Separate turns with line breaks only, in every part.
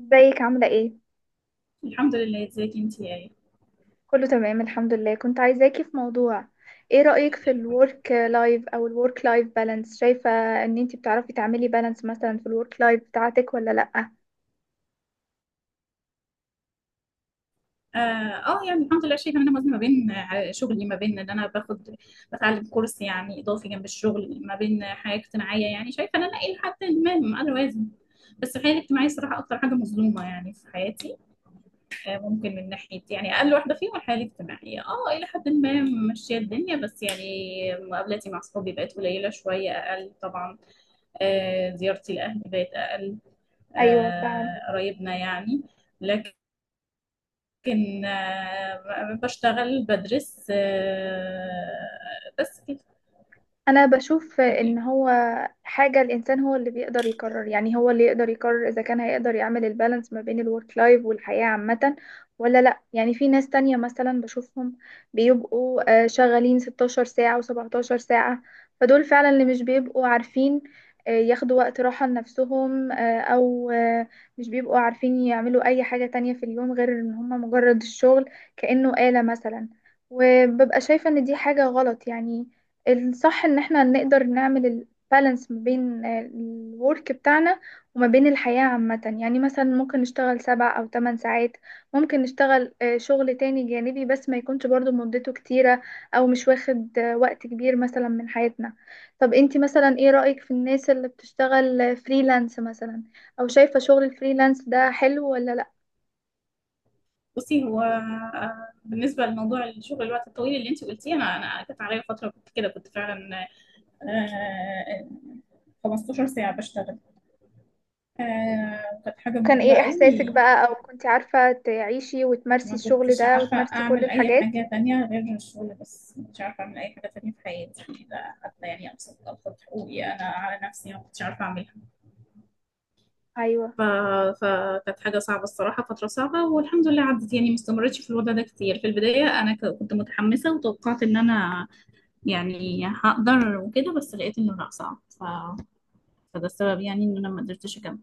ازيك عاملة ايه؟
الحمد لله. ازيك انت؟ يا
كله تمام الحمد لله. كنت عايزاكي في موضوع. ايه رأيك في
يا أمي؟
الورك لايف او الورك لايف بالانس؟ شايفة ان انتي بتعرفي تعملي بالانس مثلا في الورك لايف بتاعتك ولا لأ؟
اه، يعني الحمد لله، شايفه ان انا موازنه ما بين شغلي، ما بين ان انا باخد بتعلم كورس يعني اضافي جنب الشغل، ما بين حياه اجتماعيه، يعني شايفه ان انا الى حد ما انا اوازن. بس الحياه الاجتماعيه الصراحه اكتر حاجه مظلومه يعني في حياتي. ممكن من ناحيه يعني اقل واحده فيهم الحياه الاجتماعيه. اه الى حد ما ماشيه الدنيا، بس يعني مقابلاتي مع صحابي بقت قليله شويه اقل طبعا. زيارتي لاهلي بقت اقل.
ايوه، فعلا.
قرايبنا يعني. لكن بشتغل بدرس، بس كده
انا بشوف ان
يعني.
هو حاجه الانسان هو اللي بيقدر يقرر، يعني هو اللي يقدر يقرر اذا كان هيقدر يعمل البالانس ما بين الورك لايف والحياه عامه ولا لا. يعني في ناس تانية مثلا بشوفهم بيبقوا شغالين 16 ساعه و17 ساعه. فدول فعلا اللي مش بيبقوا عارفين ياخدوا وقت راحه لنفسهم، او مش بيبقوا عارفين يعملوا اي حاجه تانية في اليوم غير ان هم مجرد الشغل، كانه آلة مثلا. وببقى شايفه ان دي حاجه غلط، يعني الصح ان احنا نقدر نعمل البالانس ما بين الورك بتاعنا وما بين الحياة عامة. يعني مثلا ممكن نشتغل 7 أو 8 ساعات، ممكن نشتغل شغل تاني جانبي بس ما يكونش برضو مدته كتيرة، او مش واخد وقت كبير مثلا من حياتنا. طب انتي مثلا ايه رأيك في الناس اللي بتشتغل فريلانس مثلا، او شايفة شغل الفريلانس ده حلو ولا لا؟
بصي، هو بالنسبة لموضوع الشغل الوقت الطويل اللي انت قلتيه، انا كانت عليا فترة، كنت كده، كنت فعلا آه، 15 ساعة بشتغل. كانت حاجة
كان
متعبة
ايه احساسك
قوي.
بقى، او كنتي عارفة تعيشي وتمارسي
ما
الشغل
كنتش
ده
عارفة
وتمارسي كل
أعمل أي
الحاجات؟
حاجة تانية غير الشغل، بس مش عارفة أعمل أي حاجة تانية في حياتي، لا حتى يعني أبسط أبسط حقوقي أنا على نفسي ما كنتش عارفة أعملها.
ايوه.
ف... فكانت حاجة صعبة الصراحة، فترة صعبة، والحمد لله عدت يعني، ما استمرتش في الوضع ده كتير. في البداية أنا كنت متحمسة وتوقعت إن أنا يعني هقدر وكده، بس لقيت إنه لأ صعب. فده السبب يعني إن أنا ما قدرتش أكمل.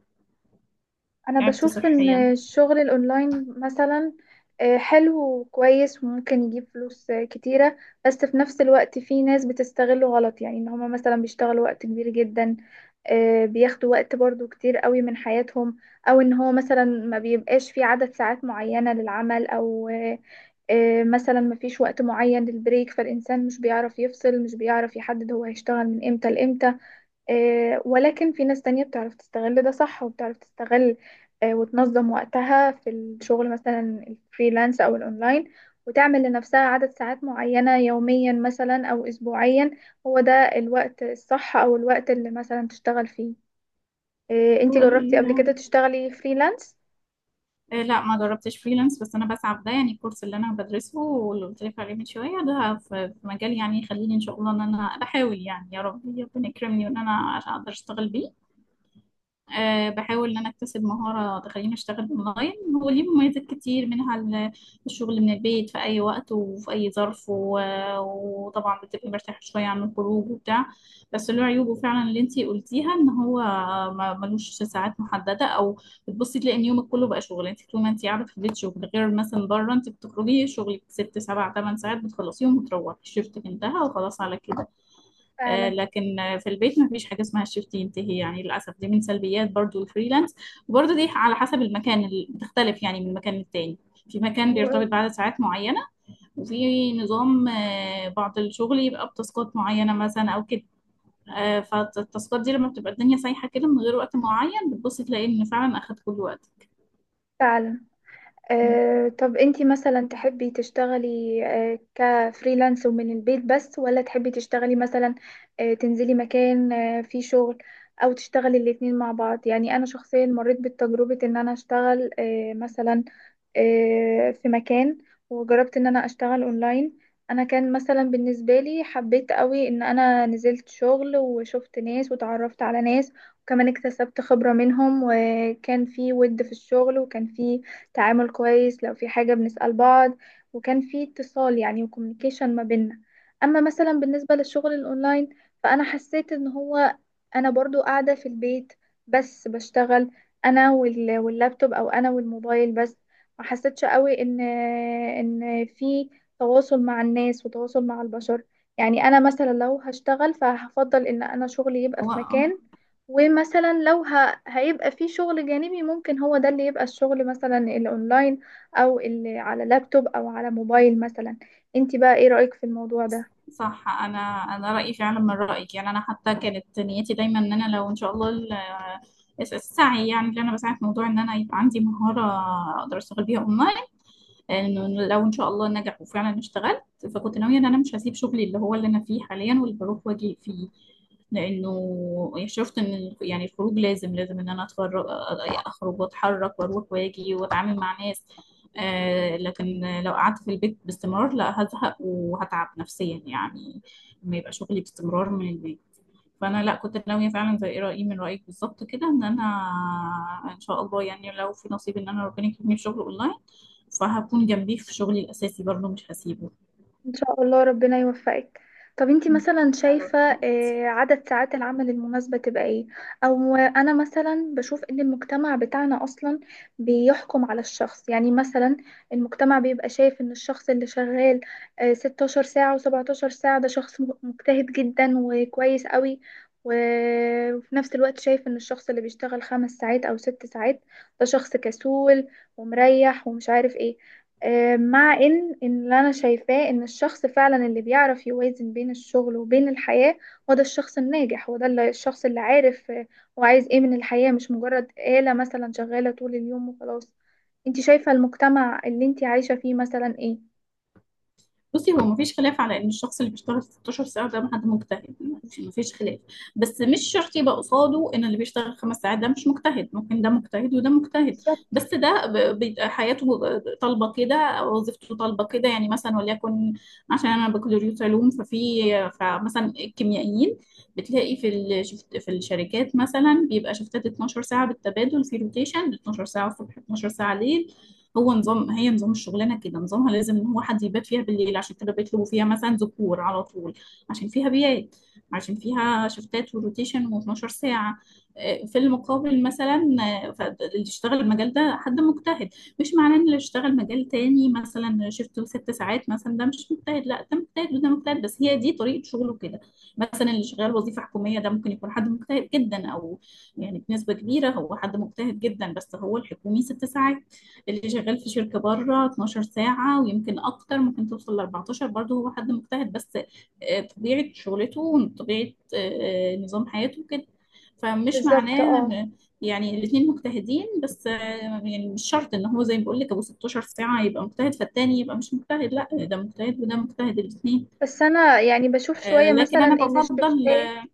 انا
تعبت
بشوف ان
صحيا.
الشغل الاونلاين مثلا حلو وكويس وممكن يجيب فلوس كتيرة. بس في نفس الوقت في ناس بتستغله غلط، يعني ان هما مثلا بيشتغلوا وقت كبير جدا، بياخدوا وقت برضو كتير قوي من حياتهم. او ان هو مثلا ما بيبقاش في عدد ساعات معينة للعمل او مثلا ما فيش وقت معين للبريك، فالانسان مش بيعرف يفصل، مش بيعرف يحدد هو هيشتغل من امتى لامتى. ولكن في ناس تانية بتعرف تستغل ده صح وبتعرف تستغل وتنظم وقتها في الشغل، مثلا الفريلانس أو الأونلاين، وتعمل لنفسها عدد ساعات معينة يوميا مثلا أو أسبوعيا. هو ده الوقت الصح، أو الوقت اللي مثلا تشتغل فيه. انتي
وال...
جربتي قبل كده تشتغلي فريلانس؟
آه، لا، ما جربتش فريلانس، بس أنا بسعى في ده، يعني الكورس اللي أنا بدرسه واللي قلت لك عليه من شوية ده في مجال يعني يخليني إن شاء الله إن أنا بحاول يعني، يا رب ربنا يكرمني، وإن أنا أقدر أشتغل بيه. بحاول إن أنا أكتسب مهارة تخليني أشتغل أونلاين. هو ليه مميزات كتير، منها الشغل من البيت في أي وقت وفي أي ظرف، وطبعا بتبقي مرتاحة شوية عن الخروج وبتاع. بس له عيوبه فعلا اللي أنتي قلتيها، إن هو ملوش ساعات محددة، أو بتبصي تلاقي إن يومك كله بقى شغل، أنت طول ما أنت قاعدة في البيت شغل، غير مثلا بره، أنت بتخرجي شغلك ست سبع تمن ساعات بتخلصيهم وتروحي، شفتك انتهى وخلاص على كده.
فعلا
لكن في البيت ما فيش حاجة اسمها الشيفت ينتهي، يعني للأسف دي من سلبيات برضو الفريلانس. وبرضو دي على حسب المكان اللي بتختلف يعني من مكان للتاني، في مكان بيرتبط بعدد ساعات معينة، وفي نظام بعض الشغل يبقى بتاسكات معينة مثلا أو كده. فالتاسكات دي لما بتبقى الدنيا سايحة كده من غير وقت معين، بتبص تلاقي إن فعلا أخد كل وقت.
فعلا. طب انتي مثلا تحبي تشتغلي كفريلانس ومن البيت بس، ولا تحبي تشتغلي مثلا تنزلي مكان فيه شغل، او تشتغلي الاتنين مع بعض؟ يعني انا شخصيا مريت بالتجربة ان انا اشتغل مثلا في مكان، وجربت ان انا اشتغل اونلاين. انا كان مثلا بالنسبة لي حبيت قوي ان انا نزلت شغل وشفت ناس وتعرفت على ناس، وكمان اكتسبت خبرة منهم، وكان في ود في الشغل، وكان في تعامل كويس لو في حاجة بنسأل بعض، وكان في اتصال يعني وكوميونيكيشن ما بيننا. اما مثلا بالنسبة للشغل الاونلاين، فانا حسيت ان هو انا برضو قاعدة في البيت بس بشتغل انا واللابتوب، او انا والموبايل بس. ما حسيتش قوي ان ان في تواصل مع الناس وتواصل مع البشر. يعني انا مثلا لو هشتغل فهفضل ان انا شغلي يبقى في
هو
مكان، ومثلا لو هيبقى في شغل جانبي ممكن هو ده اللي يبقى الشغل مثلا الاونلاين، او اللي على لابتوب او على موبايل مثلا. انت بقى ايه رأيك في الموضوع ده؟
صح، انا رايي فعلا من رايك، يعني انا حتى كانت نيتي دايما ان انا لو ان شاء الله السعي، يعني اللي انا بسعى في موضوع ان انا يبقى عندي مهاره اقدر اشتغل بيها اونلاين، انه لو ان شاء الله نجح وفعلا اشتغلت، فكنت ناويه ان انا مش هسيب شغلي اللي هو اللي انا فيه حاليا واللي بروح واجي فيه، لانه شفت ان يعني الخروج لازم لازم ان انا اتفرج، اخرج واتحرك واروح واجي واتعامل مع ناس. لكن لو قعدت في البيت باستمرار، لا هزهق وهتعب نفسيا يعني، لما يبقى شغلي باستمرار من البيت. فانا لا، كنت ناويه فعلا، زي ايه، رايي من رايك بالظبط كده، ان انا ان شاء الله يعني لو في نصيب ان انا ربنا يكرمني في شغل اونلاين، فهكون جنبيه في شغلي الاساسي برضه مش هسيبه.
ان شاء الله ربنا يوفقك. طب انتي مثلا
يا رب.
شايفة عدد ساعات العمل المناسبة تبقى ايه؟ او انا مثلا بشوف ان المجتمع بتاعنا اصلا بيحكم على الشخص، يعني مثلا المجتمع بيبقى شايف ان الشخص اللي شغال 16 ساعة و17 ساعة ده شخص مجتهد جدا وكويس قوي، و- وفي نفس الوقت شايف ان الشخص اللي بيشتغل 5 ساعات او 6 ساعات ده شخص كسول ومريح ومش عارف ايه. مع ان اللي انا شايفاه ان الشخص فعلا اللي بيعرف يوازن بين الشغل وبين الحياة هو ده الشخص الناجح، هو ده الشخص اللي عارف هو عايز ايه من الحياة، مش مجرد آلة مثلا شغالة طول اليوم وخلاص. انت شايفة المجتمع اللي انت عايشة فيه مثلا ايه؟
بصي، هو مفيش خلاف على ان الشخص اللي بيشتغل 16 ساعه ده حد مجتهد، مفيش خلاف. بس مش شرط يبقى قصاده ان اللي بيشتغل 5 ساعات ده مش مجتهد، ممكن ده مجتهد وده مجتهد.
بالظبط،
بس ده بيبقى حياته طالبه كده، او وظيفته طالبه كده، يعني مثلا وليكن عشان انا بكالوريوس علوم ففي، فمثلا الكيميائيين بتلاقي في الشفت في الشركات مثلا بيبقى شفتات 12 ساعه بالتبادل في روتيشن، 12 ساعه الصبح 12 ساعه ليل. هو نظام هي نظام الشغلانه كده، نظامها لازم ان هو حد يبات فيها بالليل، عشان كده بيطلبوا فيها مثلا ذكور على طول، عشان فيها بيات، عشان فيها شفتات وروتيشن و12 ساعه. في المقابل مثلا اللي يشتغل المجال ده حد مجتهد، مش معناه ان اللي يشتغل مجال تاني مثلا شفته 6 ساعات مثلا ده مش مجتهد، لا ده مجتهد وده مجتهد، بس هي دي طريقه شغله كده. مثلا اللي شغال وظيفه حكوميه ده ممكن يكون حد مجتهد جدا، او يعني بنسبه كبيره هو حد مجتهد جدا، بس هو الحكومي 6 ساعات، اللي شغال في شركة بره 12 ساعة ويمكن أكتر، ممكن توصل ل 14، برضه هو حد مجتهد، بس طبيعة شغلته وطبيعة نظام حياته كده. فمش
بالظبط،
معناه
اه.
يعني الاتنين مجتهدين، بس يعني مش شرط ان هو زي ما بقول لك ابو 16 ساعة يبقى مجتهد فالتاني يبقى مش مجتهد، لا ده مجتهد وده مجتهد الاتنين.
بس انا يعني بشوف شوية
لكن
مثلا
انا
ان
بفضل
الشفتات
آه،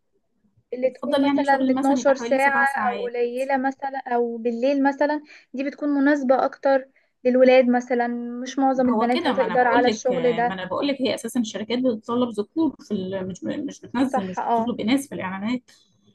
اللي تكون
بفضل يعني
مثلا
شغل مثلا يبقى
12
حوالي
ساعة
سبع
أو
ساعات
قليلة مثلا أو بالليل مثلا، دي بتكون مناسبة أكتر للولاد مثلا، مش معظم
هو
البنات
كده، ما انا
هتقدر
بقول
على
لك
الشغل
ما
ده.
انا بقول لك هي اساسا الشركات بتطلب ذكور في مش بتنزل،
صح،
مش
اه.
بتطلب اناث في الاعلانات،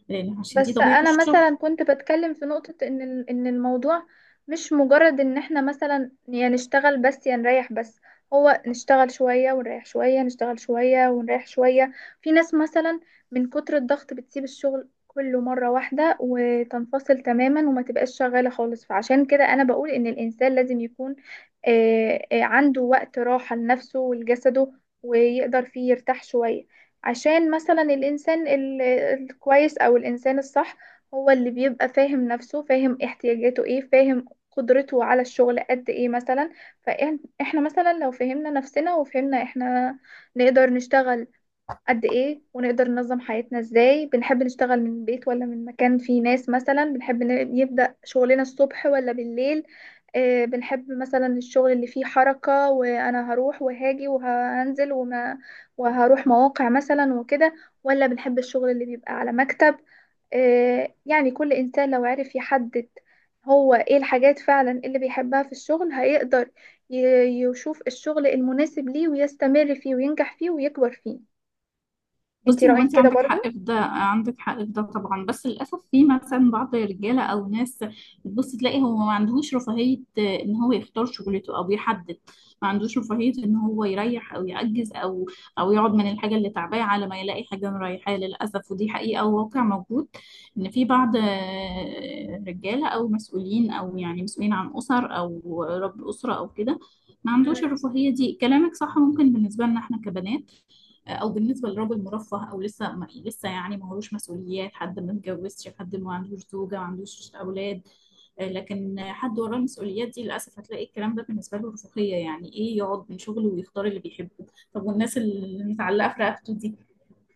لان عشان دي
بس
طبيعة
انا
الشغل.
مثلا كنت بتكلم في نقطة ان الموضوع مش مجرد ان احنا مثلا يا نشتغل بس يا نريح بس، هو نشتغل شوية ونريح شوية، نشتغل شوية ونريح شوية. في ناس مثلا من كتر الضغط بتسيب الشغل كله مرة واحدة وتنفصل تماما وما تبقاش شغالة خالص. فعشان كده انا بقول ان الانسان لازم يكون عنده وقت راحة لنفسه ولجسده، ويقدر فيه يرتاح شوية. عشان مثلا الإنسان الكويس أو الإنسان الصح هو اللي بيبقى فاهم نفسه، فاهم احتياجاته ايه، فاهم قدرته على الشغل قد ايه مثلا. فاحنا مثلا لو فهمنا نفسنا وفهمنا احنا نقدر نشتغل قد ايه ونقدر ننظم حياتنا ازاي، بنحب نشتغل من البيت ولا من مكان فيه ناس مثلا، بنحب نبدأ شغلنا الصبح ولا بالليل، بنحب مثلا الشغل اللي فيه حركة وانا هروح وهاجي وهنزل وهروح مواقع مثلا وكده، ولا بنحب الشغل اللي بيبقى على مكتب. يعني كل انسان لو عرف يحدد هو ايه الحاجات فعلا اللي بيحبها في الشغل، هيقدر يشوف الشغل المناسب ليه، ويستمر فيه، وينجح فيه، ويكبر فيه. انتي
بصي، هو
رأيك
انت
كده
عندك حق
برضو؟
في ده، عندك حق في ده طبعا، بس للاسف في مثلا بعض الرجاله او ناس بتبص تلاقي هو ما عندهوش رفاهيه ان هو يختار شغلته او يحدد، ما عندوش رفاهيه ان هو يريح او يعجز او يقعد من الحاجه اللي تعباه على ما يلاقي حاجه مريحاه، للاسف ودي حقيقه وواقع موجود. ان في بعض رجاله او مسؤولين، او يعني مسؤولين عن اسر او رب اسره او كده، ما عندوش
مم.
الرفاهيه دي. كلامك صح ممكن بالنسبه لنا احنا كبنات، او بالنسبه لراجل مرفه، او لسه ما لسه يعني ما هوش مسؤوليات، حد ما اتجوزش، حد ما عندوش زوجه، ما عندوش اولاد. لكن حد وراه المسؤوليات دي، للاسف هتلاقي الكلام ده بالنسبه له رفاهيه، يعني ايه يقعد من شغله ويختار اللي بيحبه؟ طب والناس اللي متعلقه في رقبته دي؟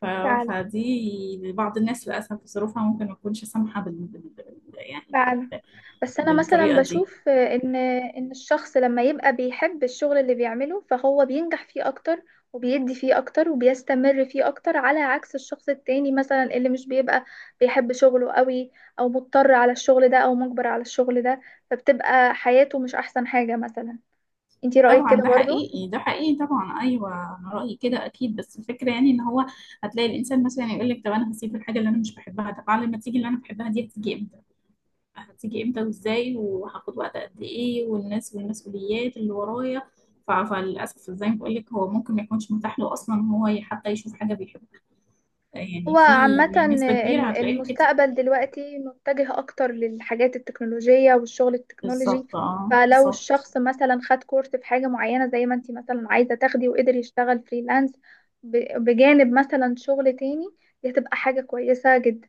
ف...
فعلا
فدي بعض الناس للاسف ظروفها ممكن ما تكونش سامحه يعني
فعلا.
بال...
بس انا مثلا
بالطريقه دي.
بشوف ان الشخص لما يبقى بيحب الشغل اللي بيعمله فهو بينجح فيه اكتر، وبيدي فيه اكتر، وبيستمر فيه اكتر، على عكس الشخص التاني مثلا اللي مش بيبقى بيحب شغله قوي، او مضطر على الشغل ده، او مجبر على الشغل ده، فبتبقى حياته مش احسن حاجة مثلا. انتي رأيك
طبعا
كده
ده
برضو؟
حقيقي، ده حقيقي طبعا، ايوه. انا رايي كده اكيد، بس الفكره يعني ان هو هتلاقي الانسان مثلا يقول لك طب انا هسيب الحاجه اللي انا مش بحبها، طب على ما تيجي اللي انا بحبها دي هتيجي امتى؟ هتيجي امتى وازاي وهاخد وقت قد ايه والناس والمسؤوليات اللي ورايا؟ فللاسف زي ما بقول لك هو ممكن ما يكونش متاح له اصلا ان هو حتى يشوف حاجه بيحبها،
هو
يعني في
عامة
نسبه كبيره هتلاقيها كده.
المستقبل دلوقتي متجه أكتر للحاجات التكنولوجية والشغل التكنولوجي.
بالظبط، اه،
فلو
بالظبط.
الشخص مثلا خد كورس في حاجة معينة زي ما انتي مثلا عايزة تاخدي، وقدر يشتغل فريلانس بجانب مثلا شغل تاني، دي هتبقى حاجة كويسة جدا.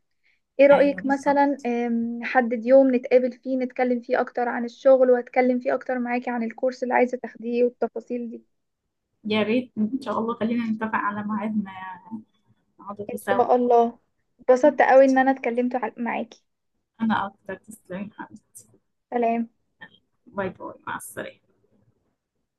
ايه
ايوه
رأيك مثلا
بالظبط.
نحدد يوم نتقابل فيه، نتكلم فيه أكتر عن الشغل، وأتكلم فيه أكتر معاكي عن الكورس اللي عايزة تاخديه والتفاصيل دي؟
يا ريت ان شاء الله خلينا نتفق على ميعاد ما نقعد
إن
فيه
شاء الله. اتبسطت قوي إن أنا
سوا.
اتكلمت معاكي.
أنا أكتر، تسلمي حبيبتي.
سلام.
باي باي، مع السلامة.